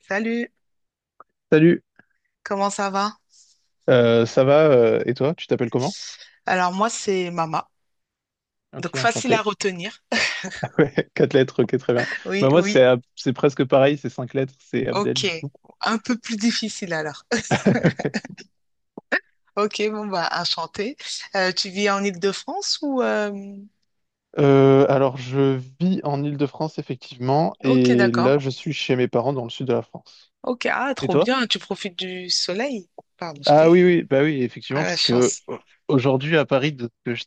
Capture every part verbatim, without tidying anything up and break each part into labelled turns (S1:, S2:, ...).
S1: Salut,
S2: Salut,
S1: comment ça va?
S2: euh, ça va euh, et toi, tu t'appelles comment?
S1: Alors moi c'est Mama,
S2: Ok,
S1: donc facile à
S2: enchanté.
S1: retenir.
S2: Ouais, quatre lettres, ok, très bien.
S1: Oui,
S2: Bah moi
S1: oui,
S2: c'est Ab- c'est presque pareil, c'est cinq lettres, c'est Abdel
S1: ok.
S2: du coup.
S1: Un peu plus difficile alors. Ok, bon bah enchanté. Euh, tu vis en Île-de-France ou euh,
S2: Euh, alors je vis en Île-de-France effectivement
S1: Ok,
S2: et
S1: d'accord.
S2: là je suis chez mes parents dans le sud de la France.
S1: Ok, ah
S2: Et
S1: trop
S2: toi?
S1: bien, tu profites du soleil. Pardon,
S2: Ah
S1: j'étais
S2: oui oui, bah oui
S1: à
S2: effectivement
S1: la
S2: parce que
S1: chance.
S2: aujourd'hui à Paris, de- que je-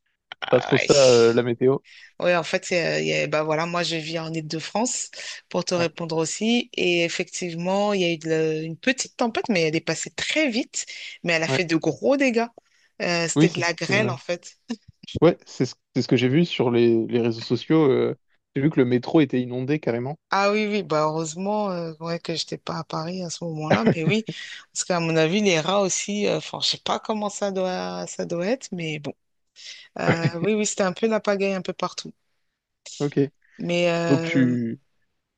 S2: pas
S1: Ah,
S2: trop
S1: ouais.
S2: ça euh, la météo.
S1: Oui, en fait, c'est, euh, il y a- bah voilà, moi je vis en Île-de-France pour te
S2: Ouais,
S1: répondre aussi. Et effectivement, il y a eu de la- une petite tempête, mais elle est passée très vite, mais elle a
S2: ouais.
S1: fait de gros dégâts. Euh,
S2: Oui
S1: c'était de
S2: c'est ce
S1: la grêle
S2: que
S1: en fait.
S2: ouais c'est ce, c'est ce que j'ai vu sur les, les réseaux sociaux. Euh, j'ai vu que le métro était inondé carrément.
S1: Ah oui, oui, bah heureusement euh, ouais, que j'étais pas à Paris à ce moment-là, mais oui, parce qu'à mon avis, les rats aussi, euh, enfin, je sais pas comment ça doit, ça doit être, mais bon. Euh, oui, oui, c'était un peu la pagaille un peu partout.
S2: Ok.
S1: Mais
S2: Donc
S1: euh,
S2: tu,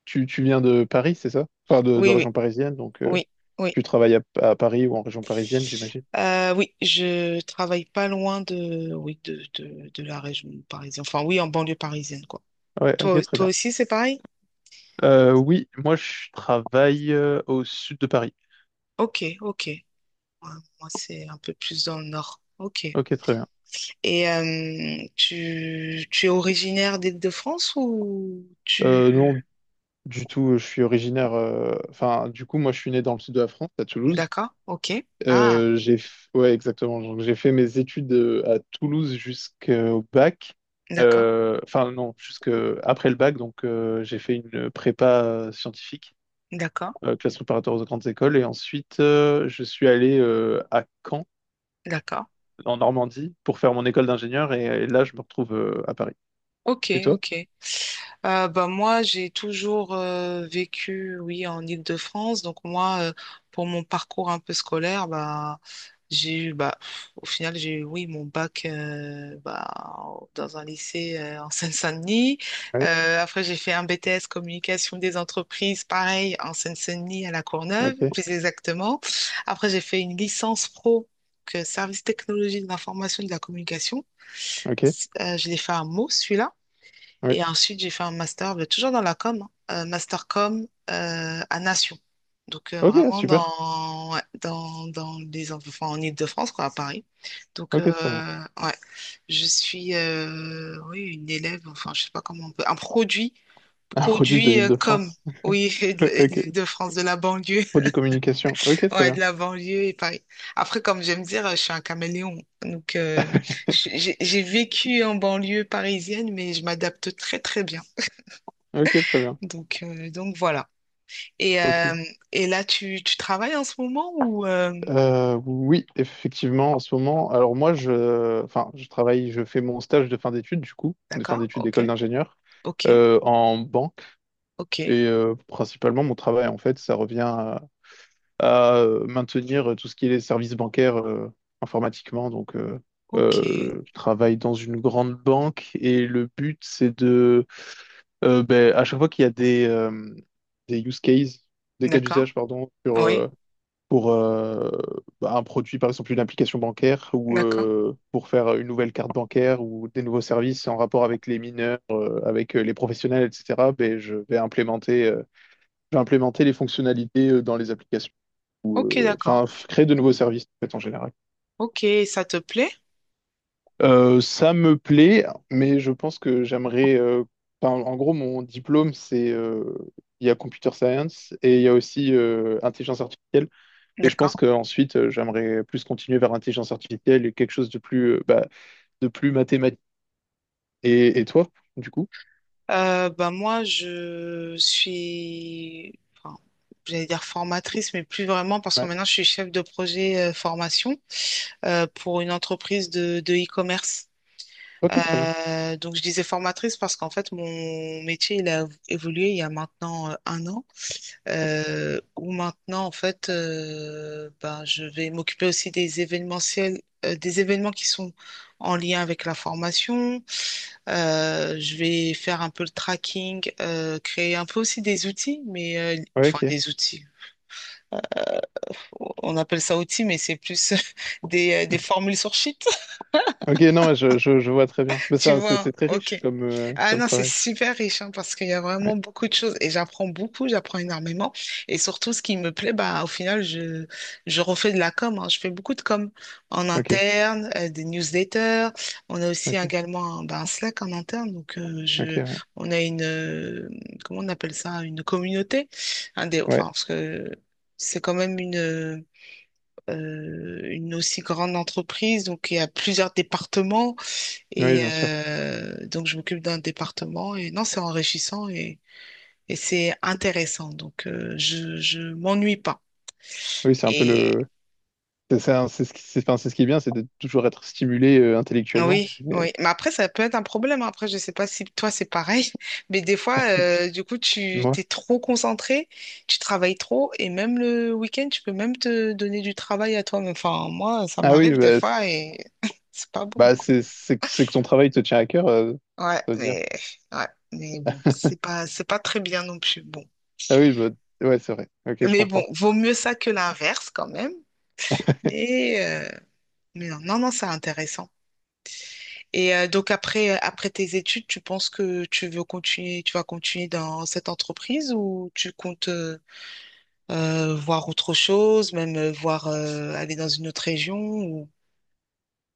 S2: tu, tu viens de Paris, c'est ça? Enfin, de, de
S1: oui, oui,
S2: région parisienne, donc euh,
S1: oui, oui.
S2: tu travailles à, à Paris ou en région parisienne, j'imagine.
S1: Euh, oui, je travaille pas loin de, oui, de, de, de la région parisienne. Enfin, oui, en banlieue parisienne, quoi.
S2: Ouais,
S1: Toi,
S2: ok, très
S1: toi
S2: bien.
S1: aussi, c'est pareil?
S2: Euh, oui, moi je travaille euh, au sud de Paris.
S1: Ok, ok. Ouais, moi, c'est un peu plus dans le nord. Ok.
S2: Ok, très bien.
S1: Et euh, tu, tu es originaire d'Île-de-France ou
S2: Euh, non,
S1: tu...
S2: du tout, je suis originaire. euh, Enfin, du coup, moi je suis né dans le sud de la France, à Toulouse.
S1: D'accord, ok. Ah,
S2: Euh, j'ai, f- ouais, exactement. Donc j'ai fait mes études euh, à Toulouse jusqu'au bac.
S1: d'accord,
S2: Euh, Enfin, non, jusqu'après le bac, donc euh, j'ai fait une prépa euh, scientifique.
S1: d'accord,
S2: Euh, classe préparatoire aux grandes écoles. Et ensuite, euh, je suis allé euh, à Caen,
S1: d'accord.
S2: en Normandie, pour faire mon école d'ingénieur. Et, et là, je me retrouve euh, à Paris.
S1: Ok,
S2: Et toi?
S1: ok. Euh, bah, moi, j'ai toujours euh, vécu, oui, en Île-de-France. Donc moi, euh, pour mon parcours un peu scolaire, bah, j'ai eu, bah, au final, j'ai eu, oui, mon bac euh, bah, dans un lycée euh, en Seine-Saint-Denis.
S2: Ouais,
S1: Euh, après, j'ai fait un B T S communication des entreprises, pareil, en Seine-Saint-Denis à La Courneuve,
S2: ok,
S1: plus exactement. Après, j'ai fait une licence pro que service technologie de l'information et de la communication.
S2: ok,
S1: Euh, je l'ai fait à Meaux, celui-là.
S2: oui.
S1: Et ensuite, j'ai fait un master, mais toujours dans la com, hein, euh, master com euh, à Nation. Donc, euh,
S2: Ok,
S1: vraiment
S2: super.
S1: dans, ouais, dans, dans les, enfin, en Île-de-France, quoi, à Paris. Donc, euh,
S2: Ok, très bien.
S1: ouais, je suis, euh, oui, une élève, enfin, je sais pas comment on peut, un produit,
S2: Un produit de
S1: produit euh, com,
S2: l'Île-de-France.
S1: oui, et de et de
S2: Ok.
S1: l'Île-de-France, de la banlieue,
S2: Produit communication. Ok, très
S1: ouais, de
S2: bien.
S1: la banlieue et Paris. Après, comme j'aime dire, je suis un caméléon. Donc, euh, j'ai j'ai vécu en banlieue parisienne, mais je m'adapte très, très bien.
S2: Ok, très bien.
S1: Donc, euh, donc voilà. Et,
S2: Ok.
S1: euh, et là, tu, tu travailles en ce moment ou... euh,
S2: Euh, oui, effectivement, en ce moment, alors moi, je, enfin, je travaille, je fais mon stage de fin d'études, du coup, de fin
S1: D'accord,
S2: d'études
S1: ok,
S2: d'école d'ingénieur,
S1: ok,
S2: euh, en banque.
S1: ok,
S2: Et euh, principalement, mon travail, en fait, ça revient à, à, euh, maintenir euh, tout ce qui est les services bancaires euh, informatiquement. Donc, euh,
S1: ok.
S2: euh, je travaille dans une grande banque et le but, c'est de, euh, ben, à chaque fois qu'il y a des, euh, des use cases, des cas
S1: D'accord,
S2: d'usage, pardon, sur,
S1: oui,
S2: euh, pour euh, bah, un produit, par exemple, une application bancaire ou
S1: d'accord.
S2: euh, pour faire une nouvelle carte bancaire ou des nouveaux services en rapport avec les mineurs, euh, avec euh, les professionnels, et cetera, ben, je vais implémenter. Euh, je vais implémenter les fonctionnalités euh, dans les applications,
S1: Ok,
S2: euh, enfin
S1: d'accord.
S2: f- créer de nouveaux services en, fait, en général.
S1: Ok, ça te plaît?
S2: Euh, ça me plaît, mais je pense que j'aimerais. Euh, enfin, en gros, mon diplôme, c'est euh, il y a computer science et il y a aussi euh, intelligence artificielle. Et je pense
S1: D'accord.
S2: qu'ensuite, euh, j'aimerais plus continuer vers intelligence artificielle et quelque chose de plus, euh, bah, de plus mathématique. Et, et toi, du coup?
S1: Euh, bah moi, je suis... enfin, j'allais dire formatrice, mais plus vraiment parce que
S2: Ouais.
S1: maintenant je suis chef de projet euh, formation euh, pour une entreprise de, de e-commerce.
S2: Ok, très bien.
S1: Euh, donc, je disais formatrice parce qu'en fait, mon métier, il a évolué il y a maintenant euh, un an, euh, où maintenant, en fait, euh, ben, je vais m'occuper aussi des événementiels, euh, des événements qui sont en lien avec la formation. Euh, je vais faire un peu le tracking, euh, créer un peu aussi des outils, mais euh,
S2: Ouais,
S1: enfin
S2: ok.
S1: des outils. On appelle ça outils, mais c'est plus des, euh, des formules sur sheet.
S2: Ok, non, ouais, je, je, je vois très bien. Mais
S1: Tu
S2: ça, c'est c'est
S1: vois,
S2: très
S1: ok.
S2: riche comme, euh,
S1: Ah
S2: comme
S1: non, c'est
S2: travail.
S1: super riche hein, parce qu'il y a
S2: Ouais.
S1: vraiment beaucoup de choses et j'apprends beaucoup, j'apprends énormément. Et surtout, ce qui me plaît, bah, au final, je, je refais de la com. Hein. Je fais beaucoup de com en
S2: Ok,
S1: interne, euh, des newsletters. On a aussi
S2: ok,
S1: également un, bah, un Slack en interne. Donc, euh,
S2: ok,
S1: je,
S2: ouais.
S1: on a une, euh, comment on appelle ça, une communauté. Un des, enfin,
S2: Ouais.
S1: parce que c'est quand même une, euh, une aussi grande entreprise. Donc, il y a plusieurs départements.
S2: Oui,
S1: Et
S2: bien sûr.
S1: euh, donc, je m'occupe d'un département. Et non, c'est enrichissant et, et c'est intéressant. Donc, euh, je, je m'ennuie pas.
S2: Oui, c'est un peu
S1: Et
S2: le. C'est ça, c'est ce qui, c'est enfin, c'est ce qui est bien, c'est de toujours être stimulé euh,
S1: ah
S2: intellectuellement.
S1: oui,
S2: Et-
S1: oui. Mais après, ça peut être un problème. Après, je sais pas si toi, c'est pareil. Mais des fois, euh, du coup, tu
S2: Dis-moi.
S1: t'es trop concentré, tu travailles trop. Et même le week-end, tu peux même te donner du travail à toi-même. Enfin, moi, ça
S2: Ah oui,
S1: m'arrive des
S2: bah, c'est
S1: fois et c'est pas bon.
S2: bah, c'est- c'est que c'est que ton travail te tient à cœur, euh,
S1: Ouais,
S2: ça veut dire.
S1: mais, ouais, mais bon, c'est pas, c'est pas très bien non plus. Bon.
S2: Ah oui, bah, ouais, c'est vrai. Ok, je
S1: Mais bon,
S2: comprends.
S1: vaut mieux ça que l'inverse quand même. Mais, euh, mais non, non, non, c'est intéressant. Et euh, donc après, euh, après tes études, tu penses que tu veux continuer, tu vas continuer dans cette entreprise ou tu comptes euh, euh, voir autre chose, même euh, voir euh, aller dans une autre région ou...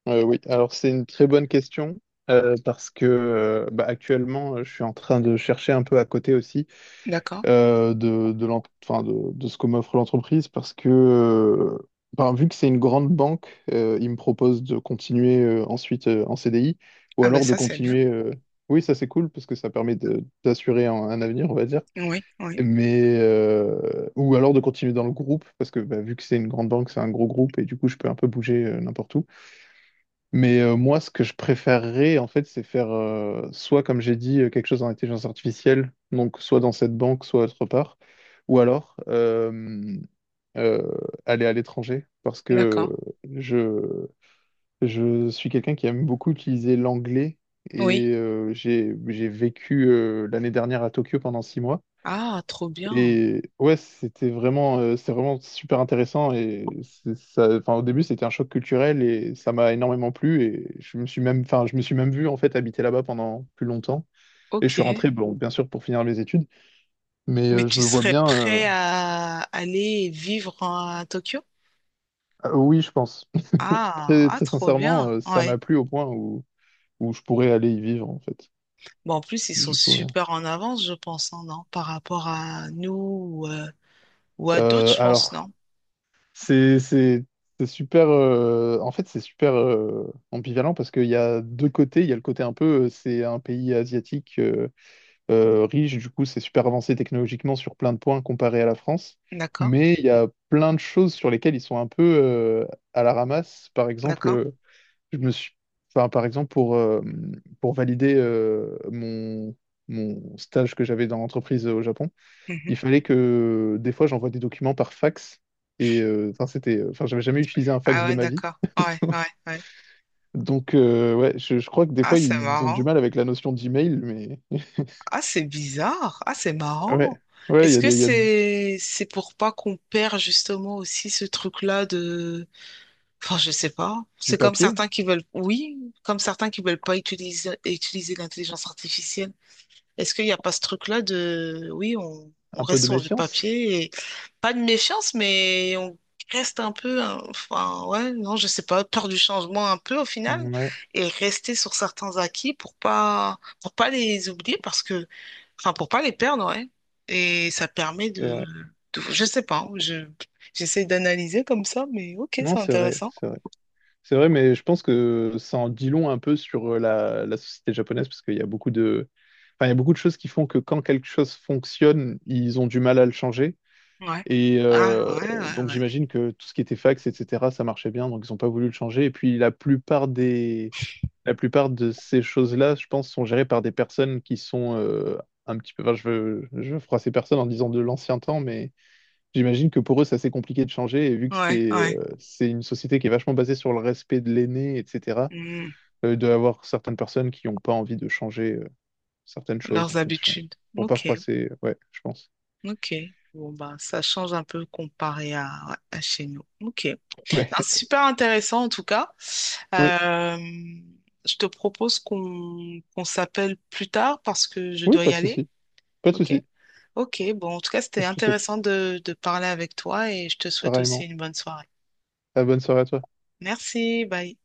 S2: Euh, oui, alors c'est une très bonne question euh, parce que euh, bah, actuellement, euh, je suis en train de chercher un peu à côté aussi.
S1: D'accord.
S2: Euh, de, de, l'en- enfin, de, de ce que m'offre l'entreprise parce que, euh, ben, vu que c'est une grande banque, euh, ils me proposent de continuer euh, ensuite euh, en C D I ou
S1: Ah ben
S2: alors de
S1: ça, c'est bien.
S2: continuer. euh, Oui, ça c'est cool parce que ça permet de- d'assurer un, un avenir, on va dire.
S1: Oui, oui.
S2: Mais euh, ou alors de continuer dans le groupe parce que bah, vu que c'est une grande banque, c'est un gros groupe et du coup je peux un peu bouger euh, n'importe où. Mais euh, moi, ce que je préférerais, en fait, c'est faire euh, soit, comme j'ai dit, euh, quelque chose en intelligence artificielle, donc soit dans cette banque, soit autre part, ou alors euh, euh, aller à l'étranger, parce que
S1: D'accord.
S2: je, je suis quelqu'un qui aime beaucoup utiliser l'anglais
S1: Oui.
S2: et euh, j'ai, j'ai vécu euh, l'année dernière à Tokyo pendant six mois.
S1: Ah, trop bien.
S2: Et ouais, c'était vraiment, euh, c'est vraiment super intéressant. Et c'est- ça, enfin, au début, c'était un choc culturel et ça m'a énormément plu. Et je me suis même, enfin, je me suis même vu en fait habiter là-bas pendant plus longtemps. Et je
S1: Ok.
S2: suis rentré, bon, bien sûr, pour finir mes études. Mais
S1: Mais
S2: euh, je
S1: tu
S2: me vois
S1: serais
S2: bien. Euh,
S1: prêt à aller vivre à Tokyo?
S2: ah, oui, je pense.
S1: Ah,
S2: Très,
S1: ah,
S2: très
S1: trop
S2: sincèrement,
S1: bien.
S2: euh, ça
S1: Ouais.
S2: m'a plu au point où, où je pourrais aller y vivre en fait.
S1: Bon, en plus, ils sont
S2: Du coup, ouais.
S1: super en avance, je pense, hein, non? Par rapport à nous ou, euh, ou à d'autres,
S2: Euh,
S1: je pense,
S2: alors.
S1: non?
S2: C'est, c'est, c'est super. Euh, en fait, c'est super euh, ambivalent parce qu'il y a deux côtés. Il y a le côté un peu, euh, c'est un pays asiatique euh, euh, riche, du coup, c'est super avancé technologiquement sur plein de points comparé à la France.
S1: D'accord,
S2: Mais il y a plein de choses sur lesquelles ils sont un peu euh, à la ramasse. Par exemple,
S1: d'accord.
S2: euh, je me suis, enfin, par exemple pour euh, pour valider euh, mon mon stage que j'avais dans l'entreprise euh, au Japon
S1: Mhm.
S2: il fallait que des fois j'envoie des documents par fax. Et euh, enfin, c'était, euh, enfin, j'avais jamais utilisé un fax
S1: Ah
S2: de
S1: ouais,
S2: ma vie.
S1: d'accord. Ouais, ouais, ouais.
S2: Donc, euh, ouais, je, je crois que des
S1: Ah,
S2: fois,
S1: c'est
S2: ils ont du
S1: marrant.
S2: mal avec la notion d'email, mais
S1: Ah, c'est bizarre. Ah, c'est
S2: ouais,
S1: marrant.
S2: ouais, il
S1: Est-ce
S2: y a
S1: que
S2: des, il y a
S1: c'est c'est pour pas qu'on perd justement aussi ce truc-là de... Enfin, je sais pas.
S2: du
S1: C'est comme
S2: papier,
S1: certains qui veulent... Oui, comme certains qui veulent pas utiliser, utiliser l'intelligence artificielle. Est-ce qu'il n'y a pas ce truc-là de, oui, on, on
S2: un peu
S1: reste
S2: de
S1: sur du
S2: méfiance.
S1: papier et pas de méfiance, mais on reste un peu, hein, enfin, ouais, non, je sais pas, peur du changement un peu au final
S2: Ouais,
S1: et rester sur certains acquis pour pas, pour pas les oublier parce que, enfin, pour pas les perdre, ouais. Et ça permet
S2: c'est
S1: de,
S2: vrai.
S1: de- je sais pas, hein, je, j'essaie d'analyser comme ça, mais ok,
S2: Non,
S1: c'est
S2: c'est vrai,
S1: intéressant.
S2: c'est vrai. C'est vrai, mais je pense que ça en dit long un peu sur euh, la, la société japonaise, parce qu'il y a beaucoup de, enfin, il y a beaucoup de choses qui font que quand quelque chose fonctionne, ils ont du mal à le changer.
S1: Ouais.
S2: Et
S1: Ah,
S2: euh,
S1: ouais, ouais,
S2: donc
S1: ouais.
S2: j'imagine que tout ce qui était fax, et cetera, ça marchait bien, donc ils n'ont pas voulu le changer. Et puis la plupart des, la plupart de ces choses-là, je pense, sont gérées par des personnes qui sont euh, un petit peu. Enfin, je veux, je veux froisser personne en disant de l'ancien temps, mais j'imagine que pour eux, c'est assez compliqué de changer. Et vu que
S1: Ouais,
S2: c'est
S1: ouais.
S2: euh, c'est une société qui est vachement basée sur le respect de l'aîné, et cetera,
S1: Hmm,
S2: euh, il doit y avoir certaines personnes qui n'ont pas envie de changer euh, certaines choses en
S1: leurs
S2: fonction.
S1: habitudes.
S2: Pour pas
S1: Ok.
S2: froisser, ouais, je pense.
S1: Ok. Bon, bah, ça change un peu comparé à, à chez nous. Ok.
S2: Ouais,
S1: Non, c'est super intéressant en tout cas.
S2: oui,
S1: Euh, je te propose qu'on qu'on s'appelle plus tard parce que je
S2: oui,
S1: dois
S2: pas
S1: y
S2: de
S1: aller.
S2: souci, pas de
S1: Ok.
S2: souci.
S1: Ok. Bon, en tout cas, c'était
S2: Je te souhaite
S1: intéressant de, de parler avec toi et je te souhaite aussi
S2: pareillement.
S1: une bonne soirée.
S2: Ah, bonne soirée à toi.
S1: Merci. Bye.